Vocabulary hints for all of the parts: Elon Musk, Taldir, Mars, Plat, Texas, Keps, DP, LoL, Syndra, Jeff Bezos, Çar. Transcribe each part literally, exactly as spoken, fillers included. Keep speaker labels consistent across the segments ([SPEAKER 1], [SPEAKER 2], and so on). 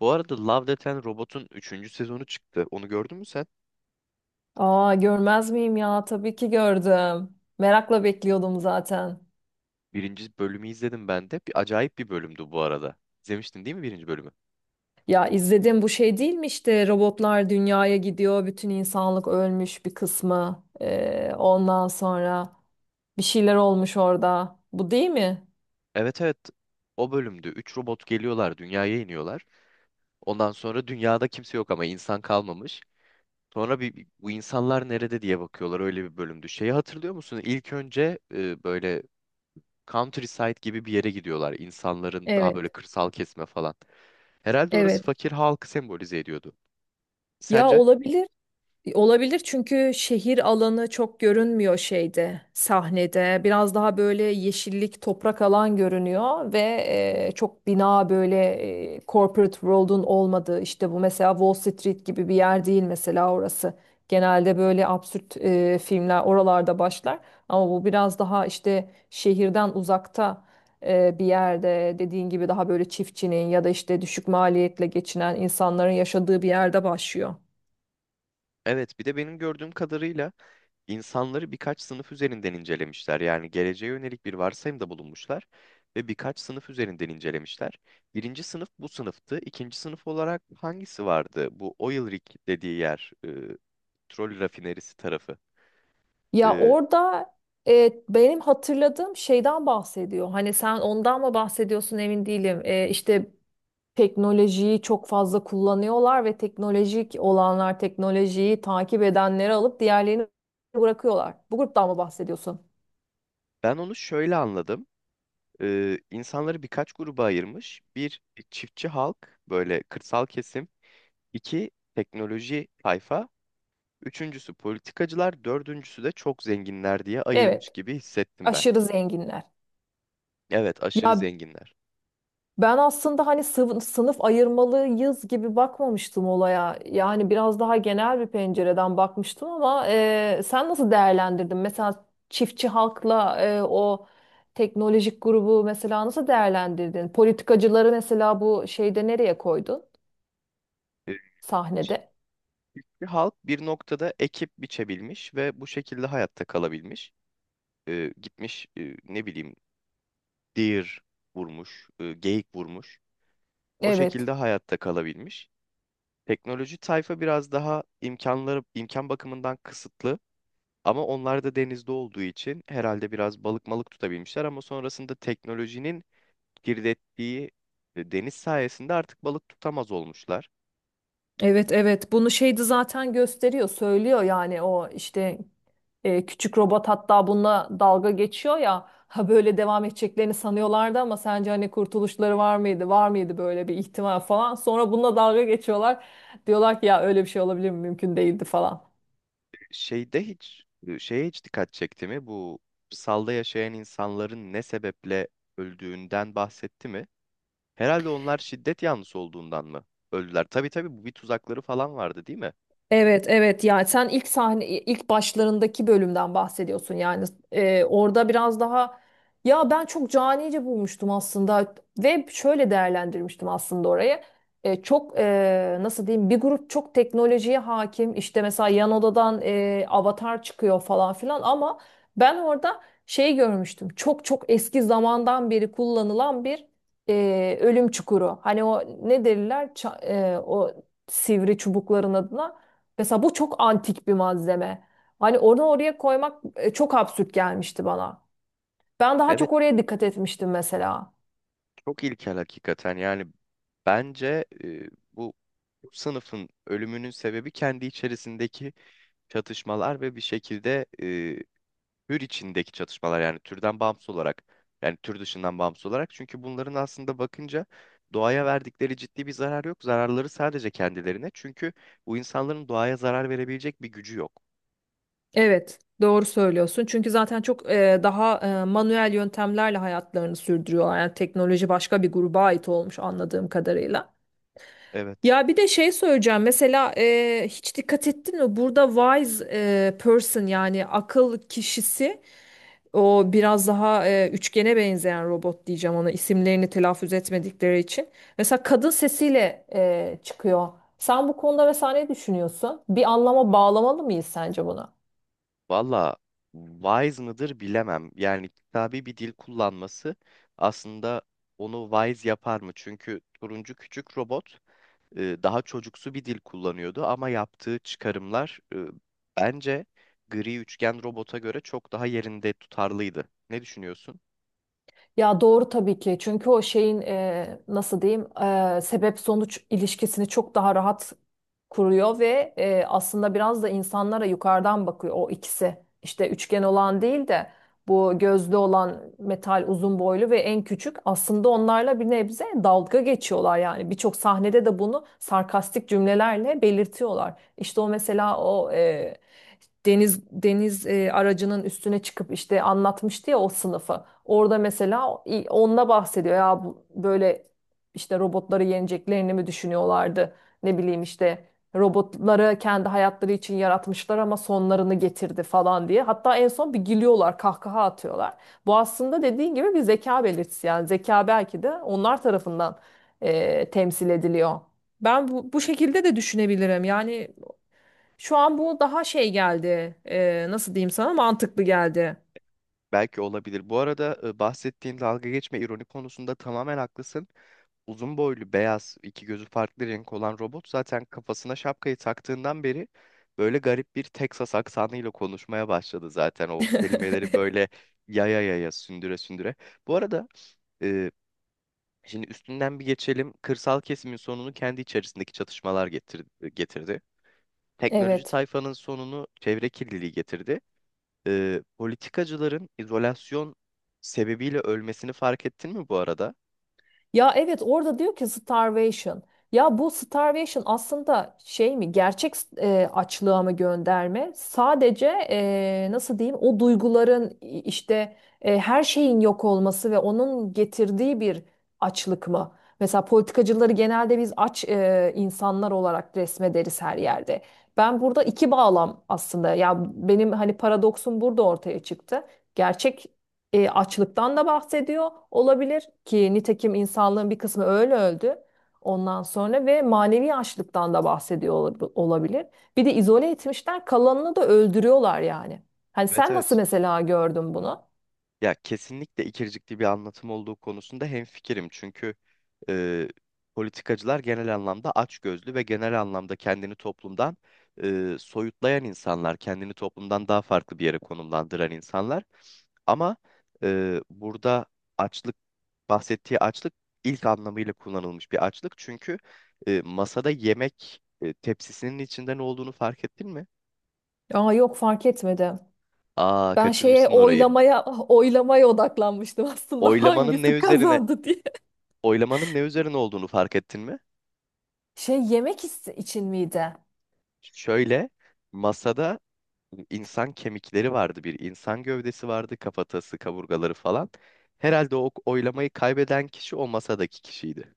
[SPEAKER 1] Bu arada Love, Death and Robot'un üçüncü sezonu çıktı. Onu gördün mü sen?
[SPEAKER 2] Aa görmez miyim ya? Tabii ki gördüm. Merakla bekliyordum zaten.
[SPEAKER 1] Birinci bölümü izledim ben de. Bir acayip bir bölümdü bu arada. İzlemiştin değil mi birinci bölümü?
[SPEAKER 2] Ya izledim bu şey değil mi işte robotlar dünyaya gidiyor, bütün insanlık ölmüş bir kısmı. Ee, ondan sonra bir şeyler olmuş orada. Bu değil mi?
[SPEAKER 1] Evet, evet. O bölümde üç robot geliyorlar, dünyaya iniyorlar. Ondan sonra dünyada kimse yok, ama insan kalmamış. Sonra bir bu insanlar nerede diye bakıyorlar, öyle bir bölümdü. Şeyi hatırlıyor musun? İlk önce e, böyle countryside gibi bir yere gidiyorlar. İnsanların daha
[SPEAKER 2] Evet,
[SPEAKER 1] böyle kırsal kesme falan. Herhalde orası
[SPEAKER 2] evet.
[SPEAKER 1] fakir halkı sembolize ediyordu.
[SPEAKER 2] Ya
[SPEAKER 1] Sence?
[SPEAKER 2] olabilir. E, Olabilir çünkü şehir alanı çok görünmüyor şeyde, sahnede. Biraz daha böyle yeşillik, toprak alan görünüyor ve e, çok bina böyle e, corporate world'un olmadığı işte bu mesela Wall Street gibi bir yer değil mesela orası. Genelde böyle absürt e, filmler oralarda başlar ama bu biraz daha işte şehirden uzakta e, bir yerde dediğin gibi daha böyle çiftçinin ya da işte düşük maliyetle geçinen insanların yaşadığı bir yerde başlıyor.
[SPEAKER 1] Evet, bir de benim gördüğüm kadarıyla İnsanları birkaç sınıf üzerinden incelemişler. Yani geleceğe yönelik bir varsayımda bulunmuşlar ve birkaç sınıf üzerinden incelemişler. Birinci sınıf bu sınıftı. İkinci sınıf olarak hangisi vardı? Bu oil rig dediği yer, e, petrol rafinerisi tarafı.
[SPEAKER 2] Ya
[SPEAKER 1] E,
[SPEAKER 2] orada e, benim hatırladığım şeyden bahsediyor. Hani sen ondan mı bahsediyorsun emin değilim. E, işte teknolojiyi çok fazla kullanıyorlar ve teknolojik olanlar teknolojiyi takip edenleri alıp diğerlerini bırakıyorlar. Bu gruptan mı bahsediyorsun?
[SPEAKER 1] ben onu şöyle anladım. E, insanları birkaç gruba ayırmış. Bir, çiftçi halk, böyle kırsal kesim. İki, teknoloji tayfa. Üçüncüsü politikacılar, dördüncüsü de çok zenginler diye ayırmış
[SPEAKER 2] Evet,
[SPEAKER 1] gibi hissettim ben.
[SPEAKER 2] aşırı zenginler.
[SPEAKER 1] Evet, aşırı
[SPEAKER 2] Ya
[SPEAKER 1] zenginler.
[SPEAKER 2] ben aslında hani sınıf sınıf ayırmalıyız gibi bakmamıştım olaya. Yani biraz daha genel bir pencereden bakmıştım ama e, sen nasıl değerlendirdin? Mesela çiftçi halkla e, o teknolojik grubu mesela nasıl değerlendirdin? Politikacıları mesela bu şeyde nereye koydun
[SPEAKER 1] E, Çinli
[SPEAKER 2] sahnede?
[SPEAKER 1] halk bir noktada ekip biçebilmiş ve bu şekilde hayatta kalabilmiş. E, gitmiş, e, ne bileyim, deer vurmuş, e, geyik vurmuş. O
[SPEAKER 2] Evet.
[SPEAKER 1] şekilde hayatta kalabilmiş. Teknoloji tayfa biraz daha imkanları imkan bakımından kısıtlı, ama onlar da denizde olduğu için herhalde biraz balık malık tutabilmişler, ama sonrasında teknolojinin kirlettiği e, deniz sayesinde artık balık tutamaz olmuşlar.
[SPEAKER 2] Evet, evet, bunu şeydi zaten gösteriyor söylüyor yani o işte e, küçük robot hatta bununla dalga geçiyor ya ha böyle devam edeceklerini sanıyorlardı ama sence hani kurtuluşları var mıydı var mıydı böyle bir ihtimal falan sonra bununla dalga geçiyorlar diyorlar ki ya öyle bir şey olabilir mi mümkün değildi falan.
[SPEAKER 1] Şeyde hiç şeye hiç dikkat çekti mi? Bu salda yaşayan insanların ne sebeple öldüğünden bahsetti mi? Herhalde onlar şiddet yanlısı olduğundan mı öldüler? Tabii, tabii, bu bir tuzakları falan vardı değil mi?
[SPEAKER 2] Evet, evet, yani sen ilk sahne ilk başlarındaki bölümden bahsediyorsun yani. Ee, orada biraz daha ya ben çok canice bulmuştum aslında ve şöyle değerlendirmiştim aslında orayı. Ee, çok e, nasıl diyeyim bir grup çok teknolojiye hakim işte mesela yan odadan e, avatar çıkıyor falan filan ama ben orada şey görmüştüm çok çok eski zamandan beri kullanılan bir e, ölüm çukuru hani o ne derler Ça- e, o sivri çubukların adına. Mesela bu çok antik bir malzeme. Hani onu oraya koymak e, çok absürt gelmişti bana. Ben daha
[SPEAKER 1] Evet,
[SPEAKER 2] çok oraya dikkat etmiştim mesela.
[SPEAKER 1] çok ilkel hakikaten. Yani bence e, bu sınıfın ölümünün sebebi kendi içerisindeki çatışmalar ve bir şekilde tür içindeki çatışmalar, yani türden bağımsız olarak, yani tür dışından bağımsız olarak, çünkü bunların aslında bakınca doğaya verdikleri ciddi bir zarar yok. Zararları sadece kendilerine. Çünkü bu insanların doğaya zarar verebilecek bir gücü yok.
[SPEAKER 2] Evet, doğru söylüyorsun. Çünkü zaten çok e, daha e, manuel yöntemlerle hayatlarını sürdürüyorlar. Yani teknoloji başka bir gruba ait olmuş anladığım kadarıyla.
[SPEAKER 1] Evet.
[SPEAKER 2] Ya bir de şey söyleyeceğim. Mesela e, hiç dikkat ettin mi? Burada wise e, person yani akıl kişisi, o biraz daha e, üçgene benzeyen robot diyeceğim ona isimlerini telaffuz etmedikleri için. Mesela kadın sesiyle e, çıkıyor. Sen bu konuda mesela ne düşünüyorsun? Bir anlama bağlamalı mıyız sence bunu?
[SPEAKER 1] Valla wise mıdır bilemem. Yani kitabi bir dil kullanması aslında onu wise yapar mı? Çünkü turuncu küçük robot e, daha çocuksu bir dil kullanıyordu, ama yaptığı çıkarımlar e, bence gri üçgen robota göre çok daha yerinde, tutarlıydı. Ne düşünüyorsun?
[SPEAKER 2] Ya doğru tabii ki. Çünkü o şeyin e, nasıl diyeyim e, sebep sonuç ilişkisini çok daha rahat kuruyor ve e, aslında biraz da insanlara yukarıdan bakıyor o ikisi. İşte üçgen olan değil de bu gözlü olan metal uzun boylu ve en küçük aslında onlarla bir nebze dalga geçiyorlar yani. Birçok sahnede de bunu sarkastik cümlelerle belirtiyorlar. İşte o mesela o e, deniz deniz e, aracının üstüne çıkıp işte anlatmıştı ya o sınıfı. Orada mesela o- i- onunla bahsediyor ya bu- böyle işte robotları yeneceklerini mi düşünüyorlardı? Ne bileyim işte robotları kendi hayatları için yaratmışlar ama sonlarını getirdi falan diye. Hatta en son bir gülüyorlar, kahkaha atıyorlar. Bu aslında dediğin gibi bir zeka belirtisi yani zeka belki de onlar tarafından e, temsil ediliyor. Ben bu, bu şekilde de düşünebilirim. Yani şu an bu daha şey geldi. e, nasıl diyeyim sana, mantıklı geldi.
[SPEAKER 1] Belki olabilir. Bu arada e, bahsettiğin dalga geçme, ironi konusunda tamamen haklısın. Uzun boylu, beyaz, iki gözü farklı renk olan robot zaten kafasına şapkayı taktığından beri böyle garip bir Texas aksanıyla konuşmaya başladı, zaten o kelimeleri böyle yaya yaya, sündüre sündüre. Bu arada e, Şimdi üstünden bir geçelim. Kırsal kesimin sonunu kendi içerisindeki çatışmalar getir- getirdi. Teknoloji
[SPEAKER 2] Evet.
[SPEAKER 1] tayfanın sonunu çevre kirliliği getirdi. Ee, politikacıların izolasyon sebebiyle ölmesini fark ettin mi bu arada?
[SPEAKER 2] Ya evet orada diyor ki starvation. Ya bu starvation aslında şey mi, gerçek e, açlığa mı gönderme? Sadece e, nasıl diyeyim o duyguların i- işte e, her şeyin yok olması ve onun getirdiği bir açlık mı? Mesela politikacıları genelde biz aç e, insanlar olarak resmederiz her yerde. Ben burada iki bağlam aslında, ya benim hani paradoksun burada ortaya çıktı. Gerçek e, açlıktan da bahsediyor olabilir ki nitekim insanlığın bir kısmı öyle öldü. Ondan sonra ve manevi açlıktan da bahsediyor olab- olabilir. Bir de izole etmişler, kalanını da öldürüyorlar yani. Hani
[SPEAKER 1] Evet,
[SPEAKER 2] sen nasıl
[SPEAKER 1] evet.
[SPEAKER 2] mesela gördün bunu?
[SPEAKER 1] Ya kesinlikle ikircikli bir anlatım olduğu konusunda hemfikirim. Çünkü e, politikacılar genel anlamda açgözlü ve genel anlamda kendini toplumdan e, soyutlayan insanlar, kendini toplumdan daha farklı bir yere konumlandıran insanlar. Ama e, burada açlık, bahsettiği açlık ilk anlamıyla kullanılmış bir açlık. Çünkü e, masada yemek e, tepsisinin içinde ne olduğunu fark ettin mi?
[SPEAKER 2] Aa, yok, fark etmedim.
[SPEAKER 1] Aa,
[SPEAKER 2] Ben şeye,
[SPEAKER 1] kaçırmışsın orayı.
[SPEAKER 2] oylamaya oylamaya odaklanmıştım aslında.
[SPEAKER 1] Oylamanın ne
[SPEAKER 2] Hangisi
[SPEAKER 1] üzerine
[SPEAKER 2] kazandı diye.
[SPEAKER 1] oylamanın ne üzerine olduğunu fark ettin mi?
[SPEAKER 2] Şey, yemek is- için miydi?
[SPEAKER 1] Şöyle, masada insan kemikleri vardı, bir insan gövdesi vardı, kafatası, kaburgaları falan. Herhalde o oylamayı kaybeden kişi o masadaki kişiydi.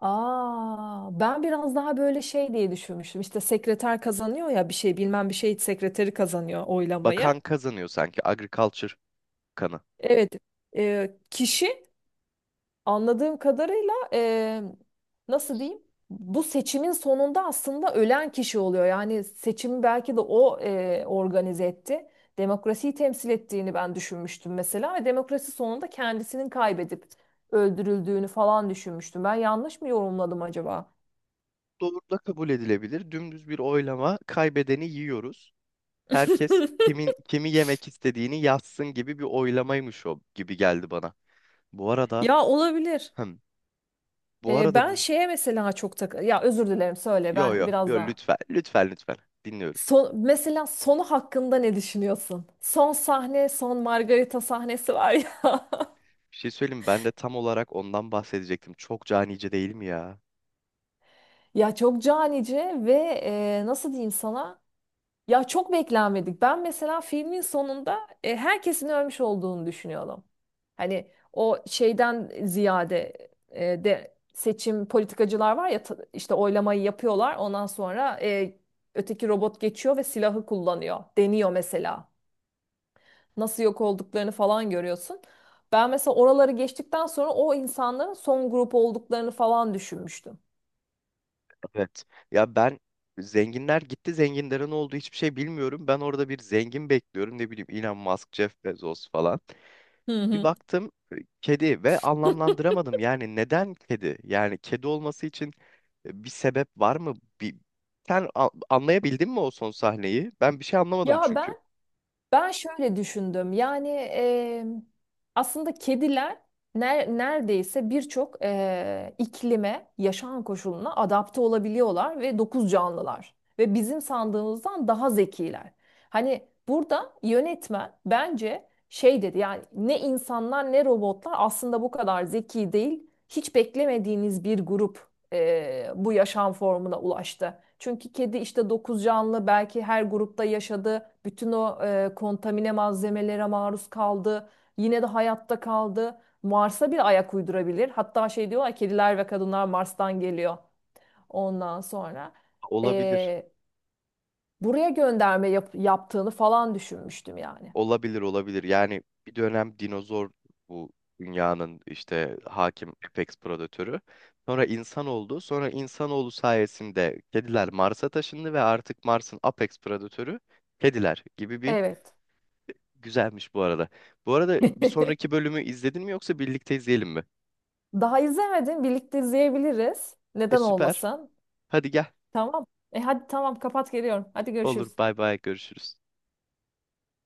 [SPEAKER 2] Aa, ben biraz daha böyle şey diye düşünmüştüm. İşte sekreter kazanıyor ya, bir şey bilmem bir şey sekreteri kazanıyor
[SPEAKER 1] Bakan
[SPEAKER 2] oylamayı.
[SPEAKER 1] kazanıyor sanki, agriculture kanı.
[SPEAKER 2] Evet, e, kişi anladığım kadarıyla e, nasıl diyeyim? Bu seçimin sonunda aslında ölen kişi oluyor. Yani seçimi belki de o e, organize etti. Demokrasiyi temsil ettiğini ben düşünmüştüm mesela ve demokrasi sonunda kendisinin kaybedip öldürüldüğünü falan düşünmüştüm. Ben yanlış mı yorumladım acaba?
[SPEAKER 1] Doğru da kabul edilebilir. Dümdüz bir oylama, kaybedeni yiyoruz. Herkes kimin kimi yemek istediğini yazsın gibi bir oylamaymış o, gibi geldi bana. Bu arada
[SPEAKER 2] Ya olabilir.
[SPEAKER 1] hem bu
[SPEAKER 2] Ee,
[SPEAKER 1] arada bu
[SPEAKER 2] ben şeye mesela çok tak ya, özür dilerim, söyle,
[SPEAKER 1] yo
[SPEAKER 2] ben
[SPEAKER 1] yo
[SPEAKER 2] biraz
[SPEAKER 1] yo
[SPEAKER 2] daha.
[SPEAKER 1] lütfen, lütfen, lütfen, dinliyorum.
[SPEAKER 2] Son, mesela sonu hakkında ne düşünüyorsun? Son sahne, son Margarita sahnesi var ya.
[SPEAKER 1] Bir şey söyleyeyim mi? Ben de tam olarak ondan bahsedecektim. Çok canice değil mi ya?
[SPEAKER 2] Ya çok canice ve e, nasıl diyeyim sana? Ya çok beklenmedik. Ben mesela filmin sonunda e, herkesin ölmüş olduğunu düşünüyorum. Hani o şeyden ziyade e, de seçim politikacılar var ya ta- işte oylamayı yapıyorlar. Ondan sonra e, öteki robot geçiyor ve silahı kullanıyor. Deniyor mesela. Nasıl yok olduklarını falan görüyorsun. Ben mesela oraları geçtikten sonra o insanların son grup olduklarını falan düşünmüştüm.
[SPEAKER 1] Evet. Ya ben, zenginler gitti, zenginlerin olduğu hiçbir şey bilmiyorum. Ben orada bir zengin bekliyorum, ne bileyim Elon Musk, Jeff Bezos falan.
[SPEAKER 2] Hı
[SPEAKER 1] Bir
[SPEAKER 2] hı.
[SPEAKER 1] baktım e, kedi ve anlamlandıramadım. Yani neden kedi? Yani kedi olması için e, bir sebep var mı? Bir... Sen a- anlayabildin mi o son sahneyi? Ben bir şey anlamadım
[SPEAKER 2] Ya ben
[SPEAKER 1] çünkü.
[SPEAKER 2] Ben şöyle düşündüm. Yani eee, aslında kediler ner- neredeyse birçok eee, iklime, yaşam koşuluna adapte olabiliyorlar ve dokuz canlılar ve bizim sandığımızdan daha zekiler. Hani burada yönetmen bence şey dedi. Yani ne insanlar ne robotlar aslında bu kadar zeki değil. Hiç beklemediğiniz bir grup e, bu yaşam formuna ulaştı. Çünkü kedi işte dokuz canlı belki her grupta yaşadı. Bütün o e, kontamine malzemelere maruz kaldı. Yine de hayatta kaldı. Mars'a bir ayak uydurabilir. Hatta şey diyorlar, kediler ve kadınlar Mars'tan geliyor. Ondan sonra.
[SPEAKER 1] Olabilir.
[SPEAKER 2] e, buraya gönderme yap- yaptığını falan düşünmüştüm yani.
[SPEAKER 1] Olabilir, olabilir. Yani bir dönem dinozor bu dünyanın işte hakim apex predatörü. Sonra insan oldu. Sonra insanoğlu sayesinde kediler Mars'a taşındı ve artık Mars'ın apex predatörü kediler gibi bir...
[SPEAKER 2] Evet.
[SPEAKER 1] Güzelmiş bu arada. Bu arada bir sonraki bölümü izledin mi, yoksa birlikte izleyelim mi?
[SPEAKER 2] Daha izlemedim. Birlikte izleyebiliriz.
[SPEAKER 1] E,
[SPEAKER 2] Neden
[SPEAKER 1] süper.
[SPEAKER 2] olmasın?
[SPEAKER 1] Hadi gel.
[SPEAKER 2] Tamam. E hadi tamam, kapat geliyorum. Hadi
[SPEAKER 1] Olur.
[SPEAKER 2] görüşürüz.
[SPEAKER 1] Bay bay. Görüşürüz.